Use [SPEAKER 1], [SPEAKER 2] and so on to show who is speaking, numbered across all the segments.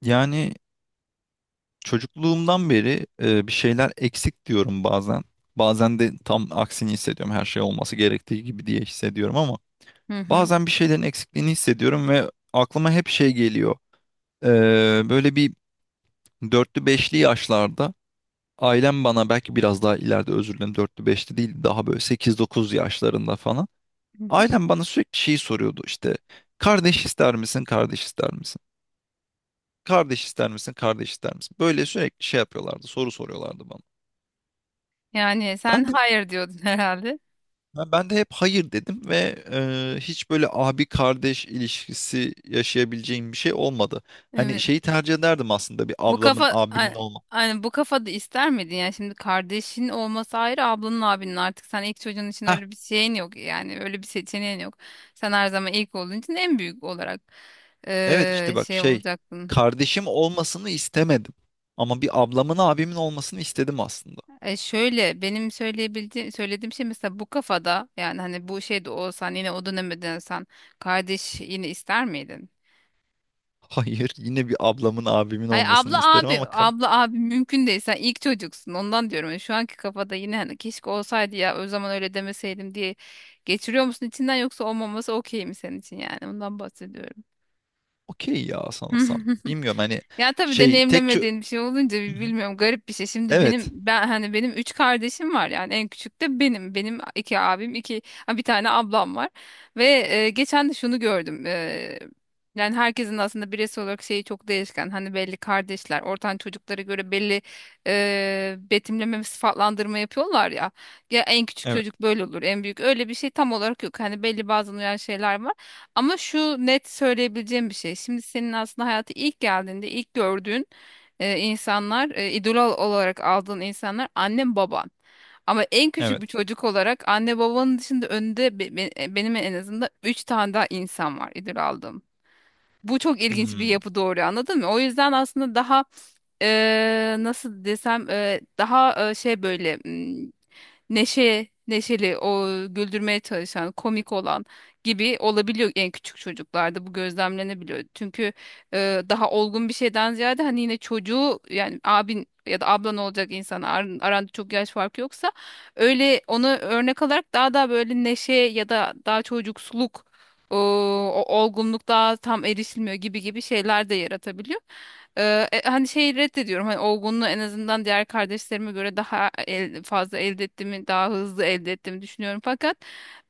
[SPEAKER 1] Yani çocukluğumdan beri bir şeyler eksik diyorum bazen. Bazen de tam aksini hissediyorum. Her şey olması gerektiği gibi diye hissediyorum ama
[SPEAKER 2] Hı hı.
[SPEAKER 1] bazen bir şeylerin eksikliğini hissediyorum ve aklıma hep şey geliyor. E, Böyle bir dörtlü beşli yaşlarda ailem bana belki biraz daha ileride, özür dilerim, dörtlü beşli değil, daha böyle sekiz dokuz yaşlarında falan.
[SPEAKER 2] Hı hı.
[SPEAKER 1] Ailem bana sürekli şeyi soruyordu işte, kardeş ister misin, kardeş ister misin? Kardeş ister misin, kardeş ister misin? Böyle sürekli şey yapıyorlardı, soru soruyorlardı bana.
[SPEAKER 2] Yani
[SPEAKER 1] Ben
[SPEAKER 2] sen
[SPEAKER 1] de
[SPEAKER 2] hayır diyordun herhalde.
[SPEAKER 1] ben de hep hayır dedim ve hiç böyle abi kardeş ilişkisi yaşayabileceğim bir şey olmadı. Hani
[SPEAKER 2] Evet.
[SPEAKER 1] şeyi tercih ederdim aslında, bir
[SPEAKER 2] Bu
[SPEAKER 1] ablamın
[SPEAKER 2] kafa
[SPEAKER 1] abimin
[SPEAKER 2] a-
[SPEAKER 1] olma.
[SPEAKER 2] Hani bu kafada ister miydin? Yani şimdi kardeşin olması ayrı, ablanın abinin artık sen ilk çocuğun için
[SPEAKER 1] Heh,
[SPEAKER 2] öyle bir şeyin yok. Yani öyle bir seçeneğin yok. Sen her zaman ilk olduğun için en büyük olarak
[SPEAKER 1] evet işte bak
[SPEAKER 2] şey
[SPEAKER 1] şey,
[SPEAKER 2] olacaktın.
[SPEAKER 1] kardeşim olmasını istemedim. Ama bir ablamın abimin olmasını istedim aslında.
[SPEAKER 2] E şöyle benim söylediğim şey mesela bu kafada yani hani bu şey de olsan yine o döneme dönsen kardeş yine ister miydin?
[SPEAKER 1] Hayır, yine bir ablamın abimin
[SPEAKER 2] Hayır
[SPEAKER 1] olmasını
[SPEAKER 2] abla
[SPEAKER 1] isterim
[SPEAKER 2] abi
[SPEAKER 1] ama ka-
[SPEAKER 2] abla abi mümkün değil, sen ilk çocuksun ondan diyorum. Yani şu anki kafada yine hani keşke olsaydı ya o zaman öyle demeseydim diye geçiriyor musun içinden, yoksa olmaması okey mi senin için, yani ondan bahsediyorum.
[SPEAKER 1] okey ya sanırsam. Bilmiyorum hani,
[SPEAKER 2] Ya tabii
[SPEAKER 1] şey tek çö-
[SPEAKER 2] deneyimlemediğin bir şey olunca
[SPEAKER 1] Hı hı.
[SPEAKER 2] bilmiyorum, garip bir şey. Şimdi
[SPEAKER 1] Evet
[SPEAKER 2] benim ben hani benim üç kardeşim var, yani en küçük de benim. Benim iki abim, iki bir tane ablam var. Ve geçen de şunu gördüm. Yani herkesin aslında bireysel olarak şeyi çok değişken. Hani belli kardeşler ortanca çocuklara göre belli betimleme ve sıfatlandırma yapıyorlar ya. Ya en küçük
[SPEAKER 1] evet
[SPEAKER 2] çocuk böyle olur, en büyük öyle, bir şey tam olarak yok. Hani belli bazı uyan şeyler var. Ama şu net söyleyebileceğim bir şey: şimdi senin aslında hayata ilk geldiğinde ilk gördüğün insanlar, idol olarak aldığın insanlar annen baban. Ama en küçük
[SPEAKER 1] evet.
[SPEAKER 2] bir çocuk olarak anne babanın dışında önünde benim en azından 3 tane daha insan var idol aldığım. Bu çok ilginç bir
[SPEAKER 1] Hmm,
[SPEAKER 2] yapı, doğru, anladın mı? O yüzden aslında daha nasıl desem daha şey böyle neşe, neşeli, o güldürmeye çalışan, komik olan gibi olabiliyor, en küçük çocuklarda bu gözlemlenebiliyor. Çünkü daha olgun bir şeyden ziyade hani yine çocuğu yani abin ya da ablan olacak insan aranda çok yaş farkı yoksa öyle onu örnek alarak daha da böyle neşe ya da daha çocuksuluk o, o olgunluk daha tam erişilmiyor gibi gibi şeyler de yaratabiliyor. Hani şeyi reddediyorum. Hani olgunluğu en azından diğer kardeşlerime göre fazla elde ettiğimi, daha hızlı elde ettiğimi düşünüyorum. Fakat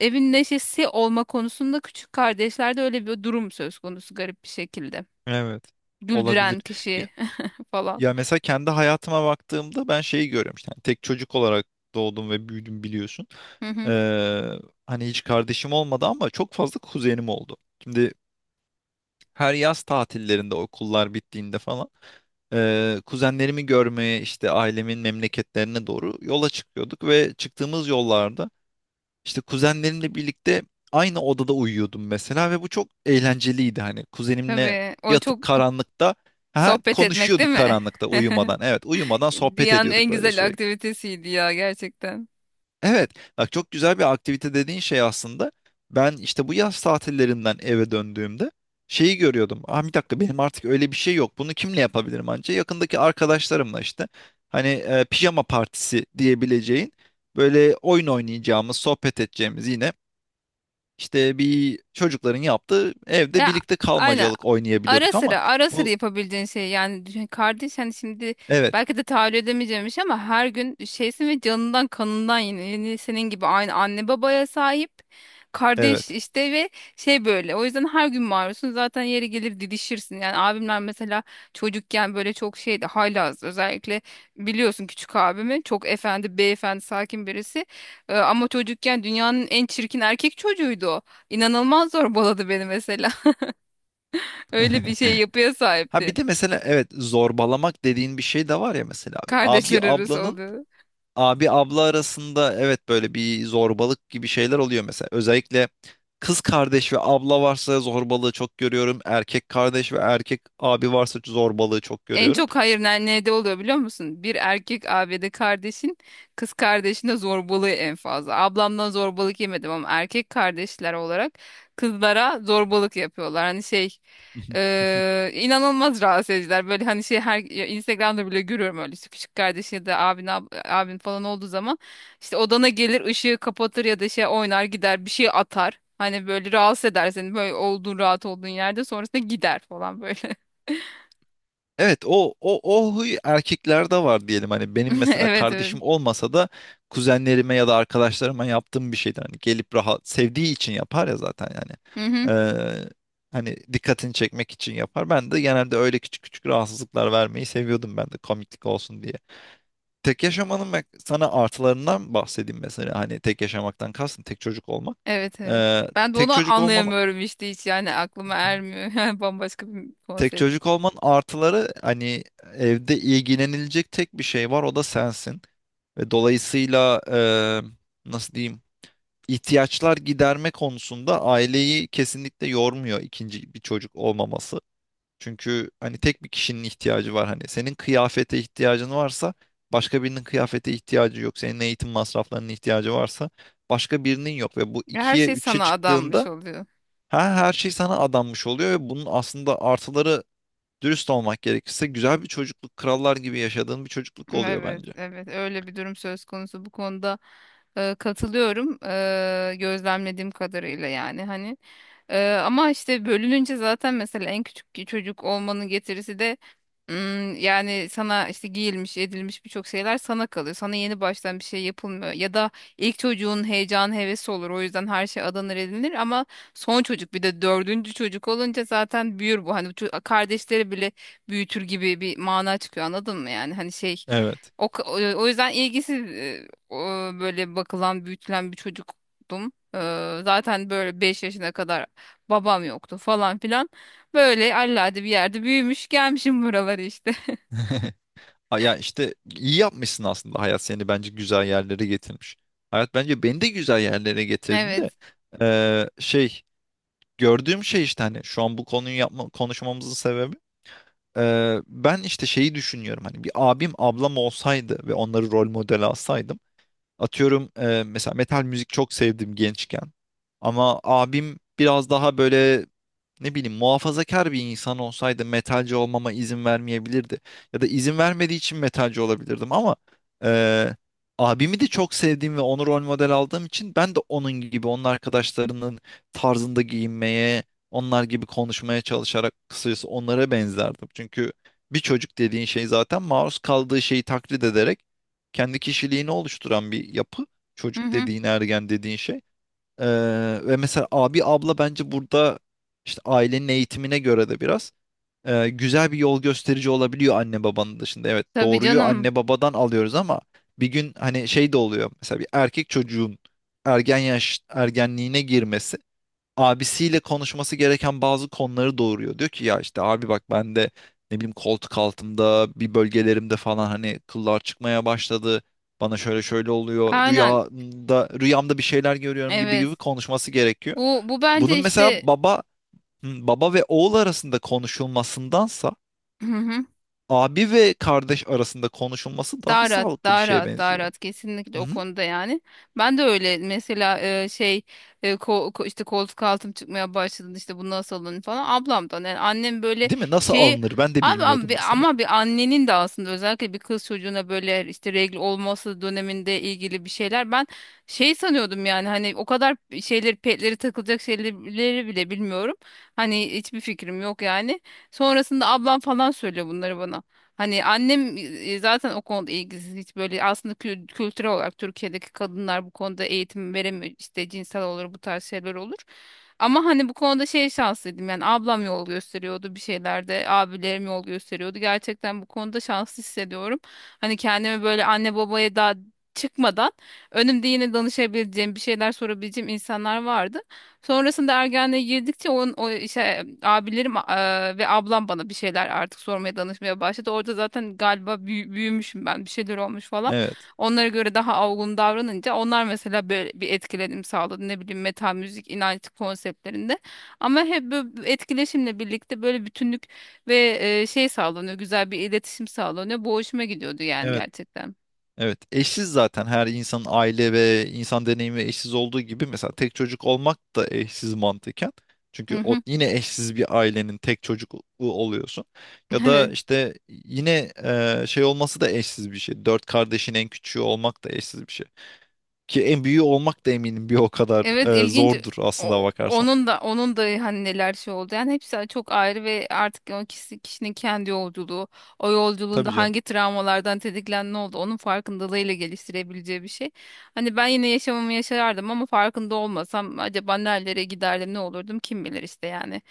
[SPEAKER 2] evin neşesi olma konusunda küçük kardeşlerde öyle bir durum söz konusu garip bir şekilde.
[SPEAKER 1] evet, olabilir.
[SPEAKER 2] Güldüren kişi falan.
[SPEAKER 1] Ya mesela kendi hayatıma baktığımda ben şeyi görüyorum, işte hani tek çocuk olarak doğdum ve büyüdüm, biliyorsun.
[SPEAKER 2] Hı hı.
[SPEAKER 1] Ee, Hani hiç kardeşim olmadı ama çok fazla kuzenim oldu. Şimdi her yaz tatillerinde, okullar bittiğinde falan, kuzenlerimi görmeye işte ailemin memleketlerine doğru yola çıkıyorduk ve çıktığımız yollarda işte kuzenlerimle birlikte aynı odada uyuyordum mesela ve bu çok eğlenceliydi. Hani kuzenimle
[SPEAKER 2] Tabii o çok
[SPEAKER 1] yatıp karanlıkta ha
[SPEAKER 2] sohbet etmek değil
[SPEAKER 1] konuşuyorduk,
[SPEAKER 2] mi?
[SPEAKER 1] karanlıkta, uyumadan. Evet, uyumadan sohbet
[SPEAKER 2] Dünyanın
[SPEAKER 1] ediyorduk
[SPEAKER 2] en
[SPEAKER 1] böyle
[SPEAKER 2] güzel
[SPEAKER 1] sürekli.
[SPEAKER 2] aktivitesiydi ya, gerçekten.
[SPEAKER 1] Evet, bak çok güzel bir aktivite dediğin şey aslında. Ben işte bu yaz tatillerinden eve döndüğümde şeyi görüyordum. Ah, bir dakika, benim artık öyle bir şey yok. Bunu kimle yapabilirim anca? Yakındaki arkadaşlarımla işte. Hani pijama partisi diyebileceğin, böyle oyun oynayacağımız, sohbet edeceğimiz, yine işte bir çocukların yaptığı evde
[SPEAKER 2] Ya
[SPEAKER 1] birlikte
[SPEAKER 2] aynen.
[SPEAKER 1] kalmacalık
[SPEAKER 2] Ara
[SPEAKER 1] oynayabiliyorduk ama
[SPEAKER 2] sıra ara sıra
[SPEAKER 1] bu
[SPEAKER 2] yapabildiğin şey yani kardeş hani şimdi
[SPEAKER 1] evet
[SPEAKER 2] belki de tahayyül edemeyeceğimmiş ama her gün şeysin ve canından kanından yine senin gibi aynı anne babaya sahip kardeş
[SPEAKER 1] evet.
[SPEAKER 2] işte ve şey böyle, o yüzden her gün maruzsun, zaten yeri gelir didişirsin yani. Abimler mesela çocukken böyle çok şeydi, haylaz özellikle. Biliyorsun küçük abimi, çok efendi beyefendi sakin birisi. Ama çocukken dünyanın en çirkin erkek çocuğuydu o, inanılmaz zorbaladı beni mesela. Öyle bir şey yapıya
[SPEAKER 1] Ha
[SPEAKER 2] sahipti.
[SPEAKER 1] bir de mesela, evet, zorbalamak dediğin bir şey de var ya, mesela abi
[SPEAKER 2] Kardeşler arası
[SPEAKER 1] ablanın,
[SPEAKER 2] oluyor.
[SPEAKER 1] abi abla arasında, evet, böyle bir zorbalık gibi şeyler oluyor mesela. Özellikle kız kardeş ve abla varsa zorbalığı çok görüyorum. Erkek kardeş ve erkek abi varsa zorbalığı çok
[SPEAKER 2] En
[SPEAKER 1] görüyorum.
[SPEAKER 2] çok hayır nerede oluyor biliyor musun? Bir erkek abide kardeşin kız kardeşine zorbalığı en fazla. Ablamdan zorbalık yemedim ama erkek kardeşler olarak kızlara zorbalık yapıyorlar. Hani şey inanılmaz rahatsız ediciler. Böyle hani şey her ya Instagram'da bile görüyorum öyle, işte küçük kardeşi ya da abin abin falan olduğu zaman işte odana gelir ışığı kapatır ya da şey oynar gider, bir şey atar. Hani böyle rahatsız eder seni, böyle olduğun rahat olduğun yerde, sonrasında gider falan böyle.
[SPEAKER 1] Evet, o o o huy erkeklerde var diyelim. Hani benim mesela
[SPEAKER 2] Evet, evet.
[SPEAKER 1] kardeşim olmasa da kuzenlerime ya da arkadaşlarıma yaptığım bir şeydir. Hani gelip rahat, sevdiği için yapar ya zaten yani.
[SPEAKER 2] Hı hı.
[SPEAKER 1] Ee, Hani dikkatini çekmek için yapar. Ben de genelde öyle küçük küçük rahatsızlıklar vermeyi seviyordum, ben de komiklik olsun diye. Tek yaşamanın ben sana artılarından bahsedeyim, mesela hani tek yaşamaktan kastım tek çocuk olmak.
[SPEAKER 2] Evet, evet.
[SPEAKER 1] Ee,
[SPEAKER 2] Ben de
[SPEAKER 1] tek
[SPEAKER 2] onu
[SPEAKER 1] çocuk olman
[SPEAKER 2] anlayamıyorum işte, hiç yani aklıma ermiyor. Yani bambaşka bir
[SPEAKER 1] Tek
[SPEAKER 2] konsept.
[SPEAKER 1] çocuk olmanın artıları, hani evde ilgilenilecek tek bir şey var, o da sensin. Ve dolayısıyla, nasıl diyeyim, ihtiyaçlar giderme konusunda aileyi kesinlikle yormuyor ikinci bir çocuk olmaması. Çünkü hani tek bir kişinin ihtiyacı var. Hani senin kıyafete ihtiyacın varsa başka birinin kıyafete ihtiyacı yok. Senin eğitim masraflarının ihtiyacı varsa başka birinin yok. Ve bu
[SPEAKER 2] Her
[SPEAKER 1] ikiye
[SPEAKER 2] şey
[SPEAKER 1] üçe
[SPEAKER 2] sana adanmış
[SPEAKER 1] çıktığında,
[SPEAKER 2] oluyor.
[SPEAKER 1] ha, her şey sana adanmış oluyor ve bunun aslında artıları, dürüst olmak gerekirse, güzel bir çocukluk, krallar gibi yaşadığın bir çocukluk oluyor
[SPEAKER 2] Evet
[SPEAKER 1] bence.
[SPEAKER 2] evet, öyle bir durum söz konusu, bu konuda katılıyorum. Gözlemlediğim kadarıyla yani, hani. Ama işte bölününce zaten, mesela en küçük çocuk olmanın getirisi de yani sana işte giyilmiş edilmiş birçok şeyler sana kalıyor. Sana yeni baştan bir şey yapılmıyor. Ya da ilk çocuğun heyecanı hevesi olur. O yüzden her şey adanır edilir ama son çocuk, bir de dördüncü çocuk olunca zaten büyür bu. Hani kardeşleri bile büyütür gibi bir mana çıkıyor, anladın mı yani? Hani şey
[SPEAKER 1] Evet.
[SPEAKER 2] o, o yüzden ilgisiz o, böyle bakılan büyütülen bir çocuktum. Zaten böyle 5 yaşına kadar babam yoktu falan filan. Böyle allade bir yerde büyümüş gelmişim buralara işte.
[SPEAKER 1] Ha, ya işte iyi yapmışsın aslında. Hayat seni bence güzel yerlere getirmiş. Hayat bence beni de güzel yerlere getirdi
[SPEAKER 2] Evet.
[SPEAKER 1] de, şey, gördüğüm şey işte, hani şu an bu konuyu yapma, konuşmamızın sebebi, ben işte şeyi düşünüyorum, hani bir abim ablam olsaydı ve onları rol model alsaydım, atıyorum mesela metal müzik çok sevdim gençken, ama abim biraz daha böyle ne bileyim muhafazakar bir insan olsaydı metalci olmama izin vermeyebilirdi. Ya da izin vermediği için metalci olabilirdim ama eee, abimi de çok sevdiğim ve onu rol model aldığım için ben de onun gibi, onun arkadaşlarının tarzında giyinmeye, onlar gibi konuşmaya çalışarak, kısacası onlara benzerdim. Çünkü bir çocuk dediğin şey zaten maruz kaldığı şeyi taklit ederek kendi kişiliğini oluşturan bir yapı.
[SPEAKER 2] Hı
[SPEAKER 1] Çocuk
[SPEAKER 2] hı.
[SPEAKER 1] dediğin, ergen dediğin şey. Ee, Ve mesela abi abla bence burada, işte ailenin eğitimine göre de biraz güzel bir yol gösterici olabiliyor anne babanın dışında. Evet,
[SPEAKER 2] Tabii
[SPEAKER 1] doğruyu
[SPEAKER 2] canım.
[SPEAKER 1] anne babadan alıyoruz ama bir gün hani şey de oluyor, mesela bir erkek çocuğun ergenliğine girmesi abisiyle konuşması gereken bazı konuları doğuruyor. Diyor ki ya işte abi bak, ben de ne bileyim koltuk altımda, bir bölgelerimde falan hani kıllar çıkmaya başladı. Bana şöyle şöyle oluyor.
[SPEAKER 2] Aynen.
[SPEAKER 1] Rüyamda bir şeyler görüyorum gibi
[SPEAKER 2] Evet.
[SPEAKER 1] gibi konuşması gerekiyor.
[SPEAKER 2] Bu bence
[SPEAKER 1] Bunun mesela
[SPEAKER 2] işte.
[SPEAKER 1] baba, hı, baba ve oğul arasında konuşulmasındansa
[SPEAKER 2] Hı hı.
[SPEAKER 1] abi ve kardeş arasında konuşulması daha sağlıklı bir şeye
[SPEAKER 2] Daha
[SPEAKER 1] benziyor.
[SPEAKER 2] rahat kesinlikle
[SPEAKER 1] Hı
[SPEAKER 2] o
[SPEAKER 1] hı.
[SPEAKER 2] konuda yani. Ben de öyle mesela şey işte koltuk altım çıkmaya başladı, işte bu nasıl alınır falan ablamdan, yani annem böyle
[SPEAKER 1] Değil mi? Nasıl
[SPEAKER 2] şey.
[SPEAKER 1] alınır? Ben de bilmiyordum
[SPEAKER 2] Abi,
[SPEAKER 1] mesela.
[SPEAKER 2] ama bir annenin de aslında özellikle bir kız çocuğuna böyle işte regl olması döneminde ilgili bir şeyler, ben şey sanıyordum yani, hani o kadar şeyleri, petleri takılacak şeyleri bile bilmiyorum. Hani hiçbir fikrim yok yani. Sonrasında ablam falan söylüyor bunları bana. Hani annem zaten o konuda ilgisiz, hiç böyle, aslında kültürel olarak Türkiye'deki kadınlar bu konuda eğitim veremiyor, işte cinsel olur bu tarz şeyler olur. Ama hani bu konuda şey şanslıydım, yani ablam yol gösteriyordu bir şeylerde, abilerim yol gösteriyordu, gerçekten bu konuda şanslı hissediyorum. Hani kendimi böyle anne babaya daha çıkmadan önümde yine danışabileceğim, bir şeyler sorabileceğim insanlar vardı. Sonrasında ergenliğe girdikçe onun o işte abilerim ve ablam bana bir şeyler artık sormaya danışmaya başladı. Orada zaten galiba büyümüşüm ben, bir şeyler olmuş falan.
[SPEAKER 1] Evet.
[SPEAKER 2] Onlara göre daha olgun davranınca onlar mesela böyle bir etkilenim sağladı. Ne bileyim metal müzik, inanç konseptlerinde. Ama hep böyle bir etkileşimle birlikte böyle bütünlük ve şey sağlanıyor. Güzel bir iletişim sağlanıyor. Bu hoşuma gidiyordu yani,
[SPEAKER 1] Evet.
[SPEAKER 2] gerçekten.
[SPEAKER 1] Evet, eşsiz, zaten her insanın aile ve insan deneyimi eşsiz olduğu gibi, mesela tek çocuk olmak da eşsiz mantıken.
[SPEAKER 2] Hı
[SPEAKER 1] Çünkü o
[SPEAKER 2] hı.
[SPEAKER 1] yine eşsiz bir ailenin tek çocuğu oluyorsun. Ya da
[SPEAKER 2] Evet.
[SPEAKER 1] işte yine şey olması da eşsiz bir şey. Dört kardeşin en küçüğü olmak da eşsiz bir şey. Ki en büyüğü olmak da eminim bir o kadar
[SPEAKER 2] Evet, ilginç.
[SPEAKER 1] zordur aslında bakarsan.
[SPEAKER 2] Onun da hani neler şey oldu. Yani hepsi çok ayrı ve artık o kişi, kişinin kendi yolculuğu, o
[SPEAKER 1] Tabii
[SPEAKER 2] yolculuğunda
[SPEAKER 1] canım.
[SPEAKER 2] hangi travmalardan tetiklen ne oldu, onun farkındalığıyla geliştirebileceği bir şey. Hani ben yine yaşamımı yaşardım ama farkında olmasam acaba nerelere giderdim, ne olurdum, kim bilir işte yani.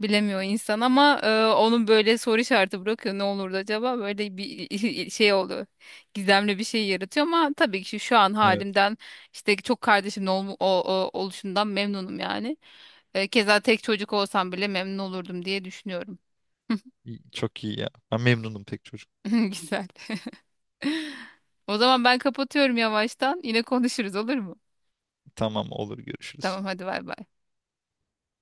[SPEAKER 2] Bilemiyor insan, ama onun böyle soru işareti bırakıyor. Ne olurdu acaba? Böyle bir şey oluyor. Gizemli bir şey yaratıyor, ama tabii ki şu an
[SPEAKER 1] Evet.
[SPEAKER 2] halimden işte çok kardeşimin oluşundan memnunum yani. Keza tek çocuk olsam bile memnun olurdum diye düşünüyorum.
[SPEAKER 1] İyi- Çok iyi ya. Ben memnunum tek çocuk.
[SPEAKER 2] Güzel. O zaman ben kapatıyorum yavaştan. Yine konuşuruz, olur mu?
[SPEAKER 1] Tamam, olur, görüşürüz.
[SPEAKER 2] Tamam, hadi bay bay.